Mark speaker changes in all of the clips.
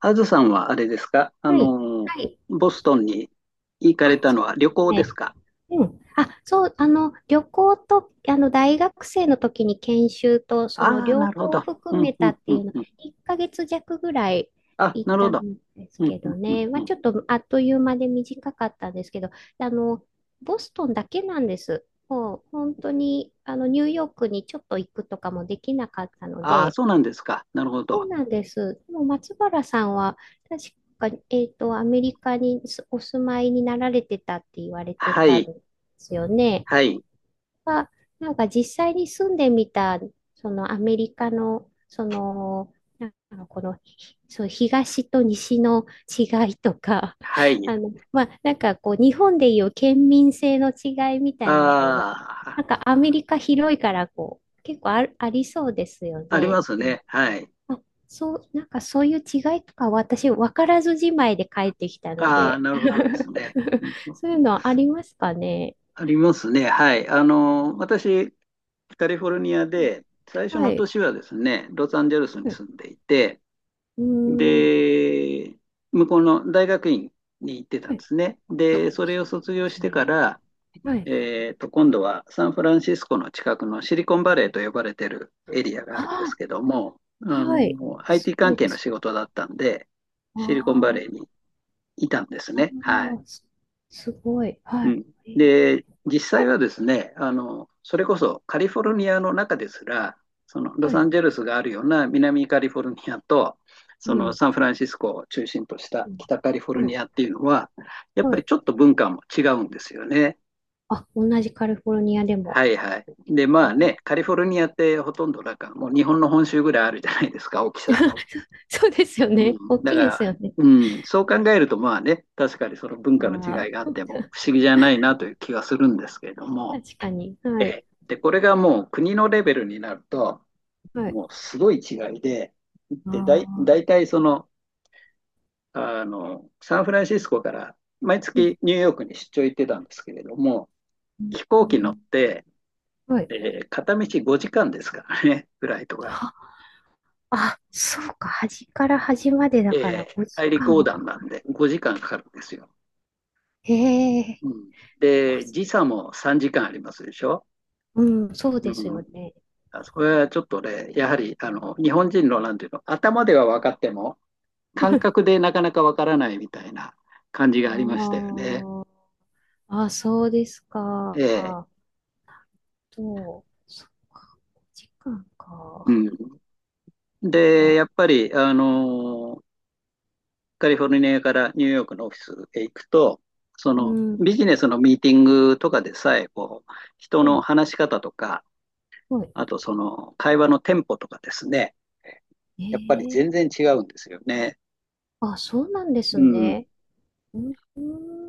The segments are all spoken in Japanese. Speaker 1: あずさんはあれですか
Speaker 2: はい。はい。
Speaker 1: ボストンに行かれ
Speaker 2: あ、
Speaker 1: たの
Speaker 2: そう
Speaker 1: は
Speaker 2: で
Speaker 1: 旅
Speaker 2: す
Speaker 1: 行です
Speaker 2: ね。
Speaker 1: か？
Speaker 2: うん。あ、そう、旅行と、大学生の時に研修と、その
Speaker 1: ああー、
Speaker 2: 両
Speaker 1: なるほ
Speaker 2: 方
Speaker 1: ど。う
Speaker 2: 含
Speaker 1: ん、
Speaker 2: め
Speaker 1: う
Speaker 2: たっ
Speaker 1: ん、
Speaker 2: て
Speaker 1: う
Speaker 2: いう
Speaker 1: ん、
Speaker 2: の、
Speaker 1: うん。
Speaker 2: 1ヶ月弱ぐらい
Speaker 1: あ、
Speaker 2: 行っ
Speaker 1: なるほ
Speaker 2: たん
Speaker 1: ど。
Speaker 2: です
Speaker 1: う
Speaker 2: け
Speaker 1: ん、う
Speaker 2: ど
Speaker 1: ん、うん、
Speaker 2: ね。まあ、
Speaker 1: うん。
Speaker 2: ちょっとあっという間で短かったんですけど、あの、ボストンだけなんです。もう、本当に、ニューヨークにちょっと行くとかもできなかったの
Speaker 1: ああ、
Speaker 2: で、
Speaker 1: そうなんですか。なるほ
Speaker 2: そ
Speaker 1: ど。
Speaker 2: うなんです。でも松原さんは、確か、アメリカにお住まいになられてたって言われて
Speaker 1: は
Speaker 2: たん
Speaker 1: い、
Speaker 2: ですよね。
Speaker 1: はい、
Speaker 2: は、なんか実際に住んでみた、そのアメリカの、その、なんかこの、ひそう東と西の違いとか、
Speaker 1: はい。
Speaker 2: まあ、なんかこう、日本でいう県民性の違いみ
Speaker 1: あ
Speaker 2: たいなのが、な
Speaker 1: あ、
Speaker 2: んかアメリカ広いから、こう、結構ありそうですよ
Speaker 1: あり
Speaker 2: ね。
Speaker 1: ますね。はい。
Speaker 2: あ、そう、なんかそういう違いとか私分からずじまいで帰ってきたの
Speaker 1: ああ、
Speaker 2: で、
Speaker 1: なるほどですね。うんう ん。
Speaker 2: そういうのありますかね。
Speaker 1: ありますね。はい。私、カリフォルニアで、最初
Speaker 2: は
Speaker 1: の
Speaker 2: い。
Speaker 1: 年はですね、ロサンゼルスに
Speaker 2: うん、
Speaker 1: 住んでいて、
Speaker 2: うーん。
Speaker 1: で、向こうの大学院に行ってた
Speaker 2: は
Speaker 1: ん
Speaker 2: い。
Speaker 1: ですね。で、
Speaker 2: あ、
Speaker 1: それ
Speaker 2: そ
Speaker 1: を
Speaker 2: う
Speaker 1: 卒
Speaker 2: なんで
Speaker 1: 業し
Speaker 2: すね。
Speaker 1: てから、
Speaker 2: はい。
Speaker 1: 今度はサンフランシスコの近くのシリコンバレーと呼ばれてるエリアがあるんです
Speaker 2: あ
Speaker 1: けども、
Speaker 2: あ、はい。あ、す
Speaker 1: IT
Speaker 2: ご
Speaker 1: 関
Speaker 2: いで
Speaker 1: 係の
Speaker 2: す。
Speaker 1: 仕事だったんで、シリコンバレ
Speaker 2: あ
Speaker 1: ーにいたんです
Speaker 2: あ、あ
Speaker 1: ね。はい。
Speaker 2: あ、すごい。は
Speaker 1: う
Speaker 2: い。
Speaker 1: ん。
Speaker 2: えー
Speaker 1: で、実際はですね、それこそカリフォルニアの中ですら、そのロ
Speaker 2: は
Speaker 1: サ
Speaker 2: い。
Speaker 1: ンゼルスがあるような南カリフォルニアと、そ
Speaker 2: う
Speaker 1: の
Speaker 2: ん。
Speaker 1: サンフランシスコを中心とした
Speaker 2: うん。
Speaker 1: 北カリフォル
Speaker 2: は
Speaker 1: ニ
Speaker 2: い。
Speaker 1: アっていうのは、やっぱ
Speaker 2: は
Speaker 1: り
Speaker 2: い。
Speaker 1: ちょっと文化も違うんですよね。
Speaker 2: あ、同じカリフォルニアでも。
Speaker 1: はいはい。で、
Speaker 2: え
Speaker 1: まあ
Speaker 2: ー。
Speaker 1: ね、カリフォルニアってほとんどなんかもう日本の本州ぐらいあるじゃないですか、大きさ。
Speaker 2: そうですよ
Speaker 1: うん。
Speaker 2: ね。大
Speaker 1: だか
Speaker 2: きいです
Speaker 1: ら、
Speaker 2: よね。
Speaker 1: うん、そう考えるとまあね、確かにその文化の違
Speaker 2: あ
Speaker 1: いがあ
Speaker 2: あ。
Speaker 1: っても不思議じゃないなという気がするんですけれども。
Speaker 2: 確かに。
Speaker 1: え
Speaker 2: はい。
Speaker 1: え、で、これがもう国のレベルになると、
Speaker 2: はい。
Speaker 1: もうすごい違いで、
Speaker 2: あ
Speaker 1: で、
Speaker 2: あ、
Speaker 1: 大体その、サンフランシスコから毎
Speaker 2: うん。
Speaker 1: 月ニューヨークに出張行ってたんですけれども、飛
Speaker 2: う
Speaker 1: 行機乗っ
Speaker 2: ん、
Speaker 1: て、
Speaker 2: はい。
Speaker 1: えー片道5時間ですからね、フライトが。
Speaker 2: は、あ、そうか。端から端までだ
Speaker 1: え
Speaker 2: から
Speaker 1: ー
Speaker 2: 5
Speaker 1: 大
Speaker 2: 時
Speaker 1: 陸
Speaker 2: 間
Speaker 1: 横
Speaker 2: は
Speaker 1: 断
Speaker 2: か
Speaker 1: な
Speaker 2: か
Speaker 1: ん
Speaker 2: る。
Speaker 1: で5時間かかるんですよ。
Speaker 2: へえ。
Speaker 1: うん、
Speaker 2: ご
Speaker 1: で、
Speaker 2: じ
Speaker 1: 時差も3時間ありますでしょ。
Speaker 2: うん、そう
Speaker 1: う
Speaker 2: です
Speaker 1: ん、
Speaker 2: よね。
Speaker 1: あそこはちょっとね、やはりあの日本人のなんていうの、頭では分かっても、感覚 でなかなかわからないみたいな感じがありましたよね。
Speaker 2: ああ、あ、そうです
Speaker 1: え
Speaker 2: か。
Speaker 1: え、
Speaker 2: あと、そっか、5時間
Speaker 1: う
Speaker 2: か。
Speaker 1: ん。で、
Speaker 2: か。
Speaker 1: やっぱり、カリフォルニアからニューヨークのオフィスへ行くと、そ
Speaker 2: う
Speaker 1: の
Speaker 2: ん。
Speaker 1: ビジネスのミーティングとかでさえ、こう、人
Speaker 2: ほ
Speaker 1: の
Speaker 2: い、
Speaker 1: 話し方とか、
Speaker 2: ほい。
Speaker 1: あとその会話のテンポとかですね、やっぱり全然
Speaker 2: ええ、
Speaker 1: 違うんですよね。
Speaker 2: あ、そうなんで
Speaker 1: う
Speaker 2: す
Speaker 1: ん。
Speaker 2: ね。うん、う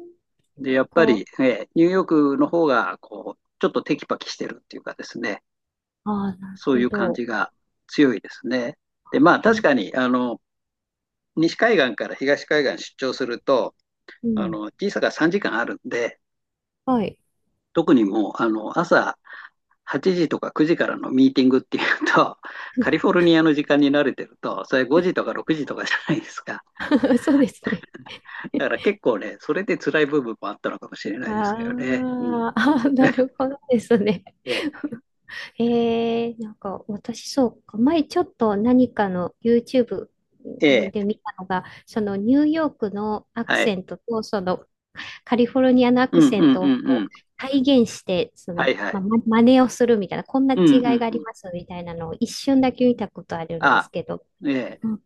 Speaker 2: ん、
Speaker 1: で、やっぱり、
Speaker 2: か。
Speaker 1: え、ニューヨークの方が、こう、ちょっとテキパキしてるっていうかですね、
Speaker 2: ああ、なる
Speaker 1: そう
Speaker 2: ほ
Speaker 1: いう感じ
Speaker 2: ど。
Speaker 1: が強いですね。で、まあ確
Speaker 2: え、
Speaker 1: かに、西海岸から東海岸出張すると、
Speaker 2: うん。
Speaker 1: 時差が3時間あるんで、
Speaker 2: はい。
Speaker 1: 特にもう、朝8時とか9時からのミーティングっていうと、カリフォルニアの時間に慣れてると、それ5時と か6時とかじゃないですか。
Speaker 2: そうですね。
Speaker 1: だから結構ね、それで辛い部分もあったのかもしれないですけど
Speaker 2: あ
Speaker 1: ね。うん。
Speaker 2: ー、あー、なる ほどですね。
Speaker 1: ええ、
Speaker 2: なんか私そうか、前ちょっと何かの YouTube
Speaker 1: ええ、
Speaker 2: で見たのが、そのニューヨークのアク
Speaker 1: はい。
Speaker 2: セントとそのカリフォルニアのア
Speaker 1: う
Speaker 2: ク
Speaker 1: んうん
Speaker 2: セ
Speaker 1: う
Speaker 2: ントを
Speaker 1: んう
Speaker 2: こ
Speaker 1: ん。
Speaker 2: う体現して、そ
Speaker 1: は
Speaker 2: の、
Speaker 1: いはい。
Speaker 2: 真似をするみたいな、こんな
Speaker 1: う
Speaker 2: 違
Speaker 1: んう
Speaker 2: い
Speaker 1: ん
Speaker 2: があ
Speaker 1: う
Speaker 2: り
Speaker 1: ん。
Speaker 2: ますみたいなのを一瞬だけ見たことあるんです
Speaker 1: あ、
Speaker 2: けど、
Speaker 1: え
Speaker 2: う
Speaker 1: え、
Speaker 2: ん、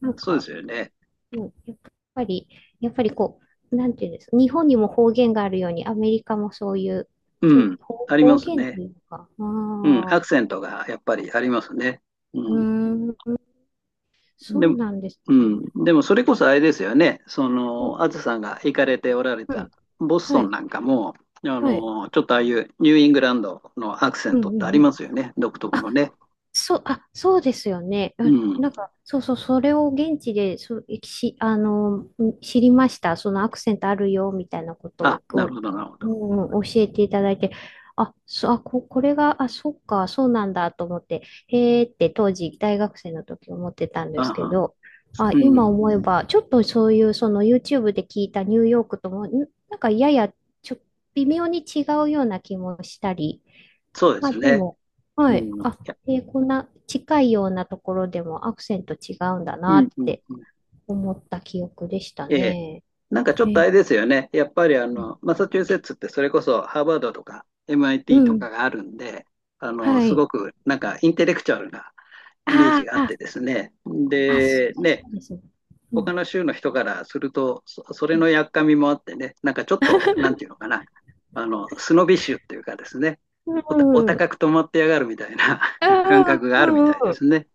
Speaker 2: なん
Speaker 1: そうで
Speaker 2: か、
Speaker 1: すよね。
Speaker 2: うん、ぱり、やっぱりこう、なんていうんですか、日本にも方言があるように、アメリカもそういう、
Speaker 1: う
Speaker 2: ちょ、
Speaker 1: ん、
Speaker 2: 方
Speaker 1: ありま
Speaker 2: 方
Speaker 1: す
Speaker 2: 言って
Speaker 1: ね。
Speaker 2: いうか、あ
Speaker 1: うん、
Speaker 2: あ、
Speaker 1: アクセントがやっぱりありますね。う
Speaker 2: う
Speaker 1: ん。
Speaker 2: ーん、そ
Speaker 1: で
Speaker 2: う
Speaker 1: も、
Speaker 2: なんです
Speaker 1: うん、
Speaker 2: ね。
Speaker 1: でもそれこそあれですよね。そ
Speaker 2: うん、
Speaker 1: の、あずさんが行かれておられ
Speaker 2: は
Speaker 1: た
Speaker 2: い、
Speaker 1: ボス
Speaker 2: は
Speaker 1: トン
Speaker 2: い、
Speaker 1: なんかも、
Speaker 2: はい、
Speaker 1: ちょっとああいうニューイングランドのアクセ
Speaker 2: う
Speaker 1: ン
Speaker 2: ん、
Speaker 1: ト
Speaker 2: う
Speaker 1: ってあり
Speaker 2: ん、う
Speaker 1: ま
Speaker 2: ん。
Speaker 1: すよね。独特の
Speaker 2: あ、
Speaker 1: ね。
Speaker 2: そう、あ、そうですよね。
Speaker 1: う
Speaker 2: あ、
Speaker 1: ん。
Speaker 2: なんか、そうそう、それを現地で、そう、し、あの、ん知りました。そのアクセントあるよ、みたいなこと
Speaker 1: あ、
Speaker 2: を、
Speaker 1: なる
Speaker 2: こ
Speaker 1: ほど、なるほ
Speaker 2: う、
Speaker 1: ど。
Speaker 2: うん、教えていただいて、あ、そう、あ、これが、あ、そっか、そうなんだと思って、へーって当時、大学生の時思ってたんで
Speaker 1: あ
Speaker 2: すけ
Speaker 1: は
Speaker 2: ど、あ、
Speaker 1: う
Speaker 2: 今
Speaker 1: ん。
Speaker 2: 思えば、ちょっとそういう、その YouTube で聞いたニューヨークとも、なんかやや、ちょ、微妙に違うような気もしたり、
Speaker 1: そうで
Speaker 2: まあ
Speaker 1: す
Speaker 2: で
Speaker 1: ね。
Speaker 2: も、
Speaker 1: う
Speaker 2: はい。
Speaker 1: ん。い
Speaker 2: あ、
Speaker 1: や、
Speaker 2: こんな近いようなところでもアクセント違うんだ
Speaker 1: う
Speaker 2: な
Speaker 1: ん、
Speaker 2: っ
Speaker 1: うん、うん。
Speaker 2: て思った記憶でした
Speaker 1: ええ、
Speaker 2: ね。
Speaker 1: なんかちょ
Speaker 2: え
Speaker 1: っとあ
Speaker 2: ー、
Speaker 1: れですよね。やっぱりあの、マサチューセッツってそれこそハーバードとか
Speaker 2: う
Speaker 1: MIT と
Speaker 2: ん。
Speaker 1: かがあるんで、
Speaker 2: は
Speaker 1: す
Speaker 2: い。
Speaker 1: ごくなんかインテレクチュアルなイメージ
Speaker 2: あ
Speaker 1: があっ
Speaker 2: ー、
Speaker 1: てですね。
Speaker 2: あ、そ
Speaker 1: で、
Speaker 2: うです、
Speaker 1: ね、
Speaker 2: そうです。うん。
Speaker 1: 他の州の人からすると、それのやっかみもあってね、なんかちょっと、なんていうのかな、スノビッシュっていうかですね、
Speaker 2: う
Speaker 1: お
Speaker 2: ん。
Speaker 1: 高く止まってやがるみたいな 感
Speaker 2: ああ、
Speaker 1: 覚が
Speaker 2: う
Speaker 1: あるみ
Speaker 2: ん、
Speaker 1: たい
Speaker 2: う
Speaker 1: で
Speaker 2: ん。
Speaker 1: すね。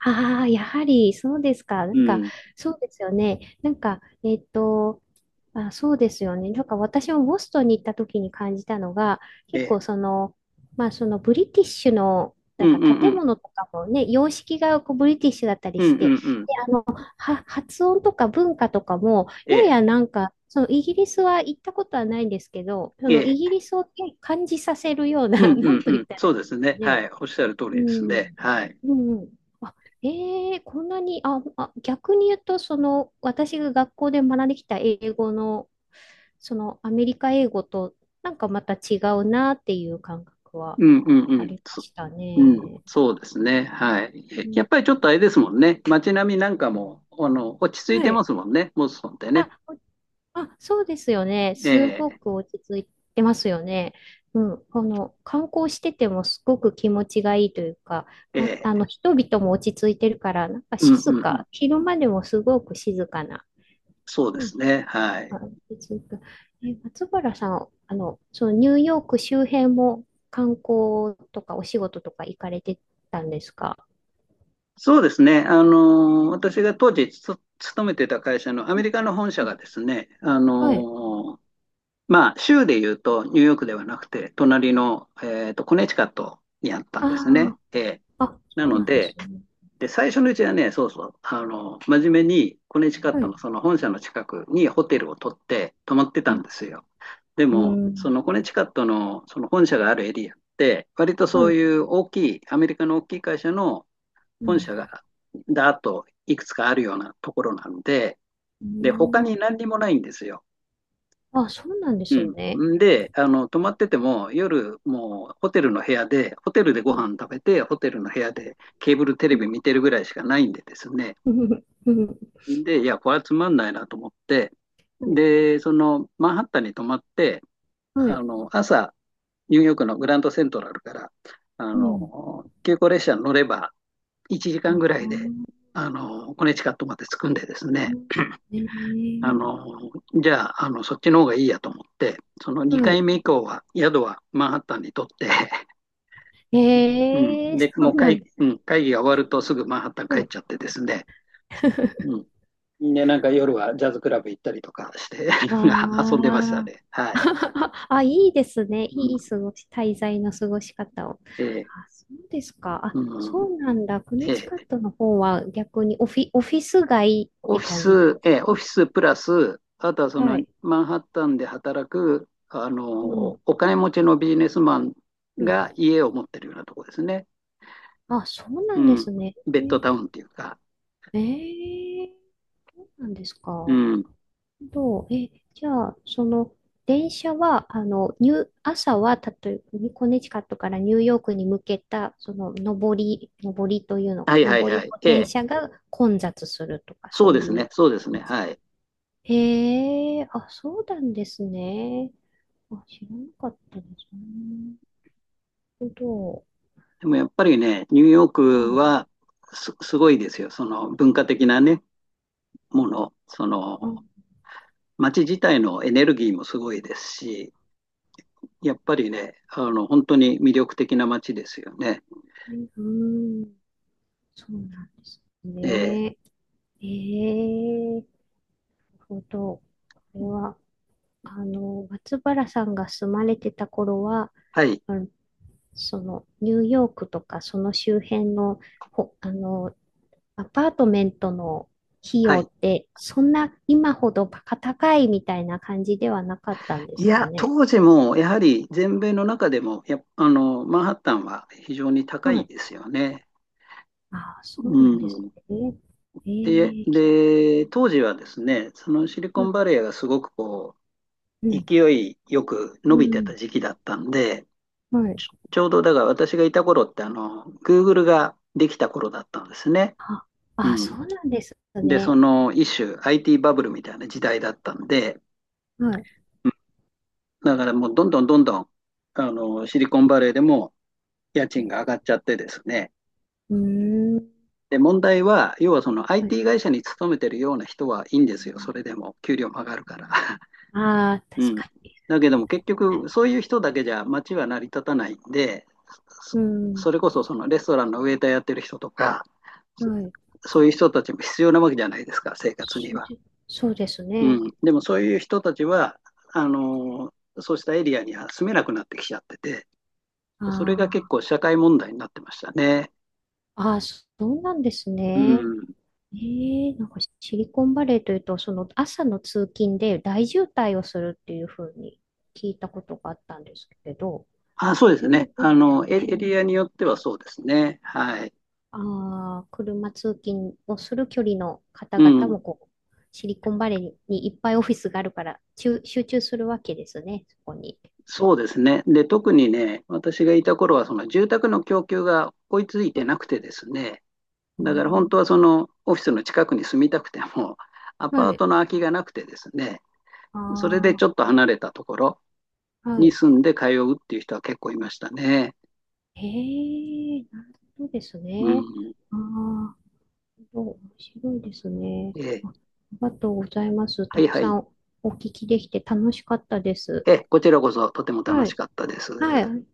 Speaker 2: ああ、やはりそうですか。な
Speaker 1: う
Speaker 2: んか、
Speaker 1: ん。
Speaker 2: そうですよね。なんか、あ、そうですよね。なんか私もボストンに行った時に感じたのが、
Speaker 1: え
Speaker 2: 結
Speaker 1: え。
Speaker 2: 構その、まあそのブリティッシュの、
Speaker 1: う
Speaker 2: なん
Speaker 1: んう
Speaker 2: か
Speaker 1: んう
Speaker 2: 建
Speaker 1: ん。
Speaker 2: 物とかもね、様式がこうブリティッシュだったり
Speaker 1: うんう
Speaker 2: し
Speaker 1: ん
Speaker 2: て、で、
Speaker 1: うん。
Speaker 2: あの、発音とか文化とかも、
Speaker 1: え
Speaker 2: や
Speaker 1: え。
Speaker 2: やなんか、そのイギリスは行ったことはないんですけど、その
Speaker 1: え
Speaker 2: イギ
Speaker 1: え。
Speaker 2: リスをね、感じさせるような、
Speaker 1: う んう
Speaker 2: なん
Speaker 1: ん
Speaker 2: と
Speaker 1: う
Speaker 2: 言っ
Speaker 1: ん。
Speaker 2: たら
Speaker 1: そ
Speaker 2: い
Speaker 1: う
Speaker 2: い
Speaker 1: です
Speaker 2: です
Speaker 1: ね。
Speaker 2: か
Speaker 1: は
Speaker 2: ね。
Speaker 1: い。おっしゃる通
Speaker 2: う
Speaker 1: りです
Speaker 2: ん。
Speaker 1: ね。はい。
Speaker 2: うん、うん。あ、ええ、こんなに、逆に言うと、その、私が学校で学んできた英語の、その、アメリカ英語と、なんかまた違うなっていう感覚は
Speaker 1: うんうんう
Speaker 2: あ
Speaker 1: ん。
Speaker 2: りま
Speaker 1: そ、
Speaker 2: した
Speaker 1: うん。
Speaker 2: ね。
Speaker 1: そうですね。はい。え
Speaker 2: う
Speaker 1: やっ
Speaker 2: ん。
Speaker 1: ぱりちょっとあれですもんね。街並みなんかも、落ち着い
Speaker 2: は
Speaker 1: てま
Speaker 2: い。
Speaker 1: すもんね。ボストンって
Speaker 2: あ、
Speaker 1: ね。
Speaker 2: そうですよね。す
Speaker 1: え
Speaker 2: ご
Speaker 1: え。
Speaker 2: く落ち着いてますよね。うん。この観光しててもすごく気持ちがいいというか、ま、
Speaker 1: え
Speaker 2: あ
Speaker 1: え。
Speaker 2: の、人々も落ち着いてるから、なんか
Speaker 1: うんう
Speaker 2: 静
Speaker 1: んうん。
Speaker 2: か、昼間でもすごく静かな、
Speaker 1: そうで
Speaker 2: なん
Speaker 1: すね。はい。
Speaker 2: か落ち着く。え、松原さん、そのニューヨーク周辺も観光とかお仕事とか行かれてたんですか？
Speaker 1: そうですね。私が当時つ勤めてた会社のア
Speaker 2: う
Speaker 1: メ
Speaker 2: ん、
Speaker 1: リカの本社
Speaker 2: うん、
Speaker 1: がですね、
Speaker 2: はい。
Speaker 1: まあ、州でいうとニューヨークではなくて、隣の、コネチカットにあったん
Speaker 2: あ
Speaker 1: ですね。ええ、
Speaker 2: あ、あ、
Speaker 1: な
Speaker 2: そう
Speaker 1: の
Speaker 2: なんです
Speaker 1: で、
Speaker 2: ね。
Speaker 1: で、最初のうちはね、そうそう、真面目に、コネチカッ
Speaker 2: は
Speaker 1: ト
Speaker 2: い。
Speaker 1: のその本社の近くにホテルを取って泊まって
Speaker 2: う
Speaker 1: たん
Speaker 2: ん。
Speaker 1: ですよ。で
Speaker 2: う
Speaker 1: も、そ
Speaker 2: ん。
Speaker 1: のコネチカットのその本社があるエリアって、割と
Speaker 2: は
Speaker 1: そう
Speaker 2: い。
Speaker 1: いう大きい、アメリカの大きい会社の
Speaker 2: う
Speaker 1: 本
Speaker 2: ん。
Speaker 1: 社が、だーっといくつかあるようなところなんで、
Speaker 2: う
Speaker 1: で、他
Speaker 2: ん、
Speaker 1: に何にもないんですよ。
Speaker 2: あ、そうなんですね。
Speaker 1: うん。で、泊まってても、夜、もうホテルの部屋で、ホテルでご
Speaker 2: うん、
Speaker 1: 飯食べて、ホテルの部屋でケーブルテレ
Speaker 2: うん、
Speaker 1: ビ見てるぐらいしかないんでですね。
Speaker 2: うん、
Speaker 1: で、いや、これはつまんないなと思って、
Speaker 2: うん、はい。
Speaker 1: で、その、マンハッタンに泊まって、
Speaker 2: はい。
Speaker 1: 朝、ニューヨークのグランドセントラルから、
Speaker 2: うん。
Speaker 1: 急行列車に乗れば、1時間ぐ
Speaker 2: あ
Speaker 1: らいで、コネチカットまで着くんでですね。
Speaker 2: ー、え
Speaker 1: あの、
Speaker 2: ー、
Speaker 1: じゃあ、そっちの方がいいやと思って、その
Speaker 2: は
Speaker 1: 2回
Speaker 2: い。
Speaker 1: 目以降は、宿はマンハッタンにとって、うん、
Speaker 2: そ
Speaker 1: で、も
Speaker 2: う
Speaker 1: う
Speaker 2: なん
Speaker 1: 会、
Speaker 2: です
Speaker 1: うん、会議が終わるとすぐマンハッタン帰っ
Speaker 2: ね。
Speaker 1: ちゃってですね、うん。で、なんか夜はジャズクラブ行ったりとかして 遊んでました
Speaker 2: わあ。
Speaker 1: ね。はい。
Speaker 2: あ、いいですね。
Speaker 1: うん、
Speaker 2: いい過ごし、滞在の過ごし方を。
Speaker 1: え、
Speaker 2: あ、そうですか。あ、
Speaker 1: う
Speaker 2: そ
Speaker 1: ん、
Speaker 2: うなんだ。ク
Speaker 1: え
Speaker 2: ネチカッ
Speaker 1: ー、
Speaker 2: トの方は逆にオフィス街って感じなんです
Speaker 1: オフ
Speaker 2: か？
Speaker 1: ィスプラス、あとはそ
Speaker 2: は
Speaker 1: の
Speaker 2: い。
Speaker 1: マンハッタンで働く、
Speaker 2: うん。
Speaker 1: お金持ちのビジネスマン
Speaker 2: う
Speaker 1: が
Speaker 2: ん。
Speaker 1: 家を持ってるようなところですね。
Speaker 2: あ、そうな
Speaker 1: う
Speaker 2: んで
Speaker 1: ん。
Speaker 2: すね。え
Speaker 1: ベッド
Speaker 2: ー、
Speaker 1: タウンっていうか。
Speaker 2: えー、なんです
Speaker 1: う
Speaker 2: か。
Speaker 1: ん。
Speaker 2: どう、え、じゃあ、その、電車は、あの、ニュー、朝は、例えば、コネチカットからニューヨークに向けた、その、上りというの
Speaker 1: は
Speaker 2: か、
Speaker 1: いはい
Speaker 2: 上
Speaker 1: は
Speaker 2: り
Speaker 1: い。
Speaker 2: の
Speaker 1: え
Speaker 2: 電
Speaker 1: え。
Speaker 2: 車が混雑するとか、
Speaker 1: そう
Speaker 2: そう
Speaker 1: です
Speaker 2: い
Speaker 1: ね。
Speaker 2: う。
Speaker 1: そうですね。はい。
Speaker 2: へえ、あ、そうなんですね。あ、知らなかったですね。なるほど。
Speaker 1: でもやっぱりね、ニューヨー
Speaker 2: は
Speaker 1: ク
Speaker 2: い。
Speaker 1: はすごいですよ。その文化的なね、もの。その、
Speaker 2: あ、
Speaker 1: 街自体のエネルギーもすごいですし、やっぱりね、本当に魅力的な街ですよね。
Speaker 2: うん、そうなんです
Speaker 1: ええ。
Speaker 2: ね。ええ、なるほど。これは。松原さんが住まれてた頃は、
Speaker 1: はい。
Speaker 2: あの、その、ニューヨークとか、その周辺の、ほ、あの、アパートメントの費
Speaker 1: は
Speaker 2: 用
Speaker 1: い。
Speaker 2: って、そんな今ほどバカ高いみたいな感じではなかったんで
Speaker 1: い
Speaker 2: すか
Speaker 1: や、
Speaker 2: ね。
Speaker 1: 当時も、やはり全米の中でも、あの、マンハッタンは非常に高
Speaker 2: は
Speaker 1: い
Speaker 2: い。
Speaker 1: ですよね。
Speaker 2: ああ、そ
Speaker 1: う
Speaker 2: うなんです
Speaker 1: ん。
Speaker 2: ね。
Speaker 1: で、
Speaker 2: ええ、
Speaker 1: で、当時はですね、そのシリ
Speaker 2: う
Speaker 1: コン
Speaker 2: ん、
Speaker 1: バレーがすごくこ
Speaker 2: う
Speaker 1: う、
Speaker 2: ん、
Speaker 1: 勢いよく伸
Speaker 2: う
Speaker 1: びて
Speaker 2: ん、
Speaker 1: た時期だったんで、
Speaker 2: はい。
Speaker 1: ちょうどだから私がいた頃って、Google ができた頃だったんですね。
Speaker 2: あ、
Speaker 1: う
Speaker 2: そ
Speaker 1: ん。
Speaker 2: うなんです
Speaker 1: で、そ
Speaker 2: ね。
Speaker 1: の一種 IT バブルみたいな時代だったんで、
Speaker 2: はい。
Speaker 1: うん、だからもうどんどんどんどん、シリコンバレーでも家
Speaker 2: う
Speaker 1: 賃が上がっちゃってですね。
Speaker 2: ーん。
Speaker 1: で、問題は、要はその
Speaker 2: はい。
Speaker 1: IT 会社に勤めてるような人はいいんですよ。それでも給料も上がるから。
Speaker 2: ああ、
Speaker 1: う
Speaker 2: 確
Speaker 1: ん。
Speaker 2: かに。
Speaker 1: だけども結局そういう人だけじゃ街は成り立たないんで、そ、
Speaker 2: うん。
Speaker 1: それこそそのレストランのウェイターやってる人とか、そ
Speaker 2: はい。
Speaker 1: そういう人たちも必要なわけじゃないですか、生活に
Speaker 2: そう
Speaker 1: は。
Speaker 2: で、そうですね。
Speaker 1: うん。でもそういう人たちは、あのーそうしたエリアには住めなくなってきちゃってて、それが結
Speaker 2: あ
Speaker 1: 構社会問題になってましたね。
Speaker 2: あ、そうなんです
Speaker 1: う
Speaker 2: ね。
Speaker 1: ん。
Speaker 2: ええ、なんかシリコンバレーというと、その朝の通勤で大渋滞をするっていうふうに聞いたことがあったんですけど、
Speaker 1: あ、そう
Speaker 2: あ
Speaker 1: です
Speaker 2: れ
Speaker 1: ね。
Speaker 2: も、う
Speaker 1: エリ
Speaker 2: ん、
Speaker 1: アによってはそうですね。はい。
Speaker 2: ああ、車通勤をする距離の
Speaker 1: う
Speaker 2: 方々
Speaker 1: ん。
Speaker 2: もこう、シリコンバレーにいっぱいオフィスがあるから、集中するわけですね、そこに。
Speaker 1: そうですね。で、特にね、私がいた頃は、その住宅の供給が追いついてなくてですね、
Speaker 2: う
Speaker 1: だから本当
Speaker 2: ん、
Speaker 1: はそのオフィスの近くに住みたくても、アパ
Speaker 2: は
Speaker 1: ー
Speaker 2: い。
Speaker 1: トの空きがなくてですね、それで
Speaker 2: あ
Speaker 1: ちょっと離れたところ
Speaker 2: あ、は
Speaker 1: に
Speaker 2: い。
Speaker 1: 住んで通うっていう人は結構いましたね。
Speaker 2: へえ、なるほどです
Speaker 1: う
Speaker 2: ね。
Speaker 1: ん。
Speaker 2: ああ、なるほど、面白いですね。
Speaker 1: ええ、
Speaker 2: あ、ありがとうございます。
Speaker 1: は
Speaker 2: た
Speaker 1: い
Speaker 2: く
Speaker 1: は
Speaker 2: さ
Speaker 1: い。
Speaker 2: んお聞きできて楽しかったです。
Speaker 1: ええ、こちらこそとても楽
Speaker 2: は
Speaker 1: し
Speaker 2: い。
Speaker 1: かったです。
Speaker 2: はい。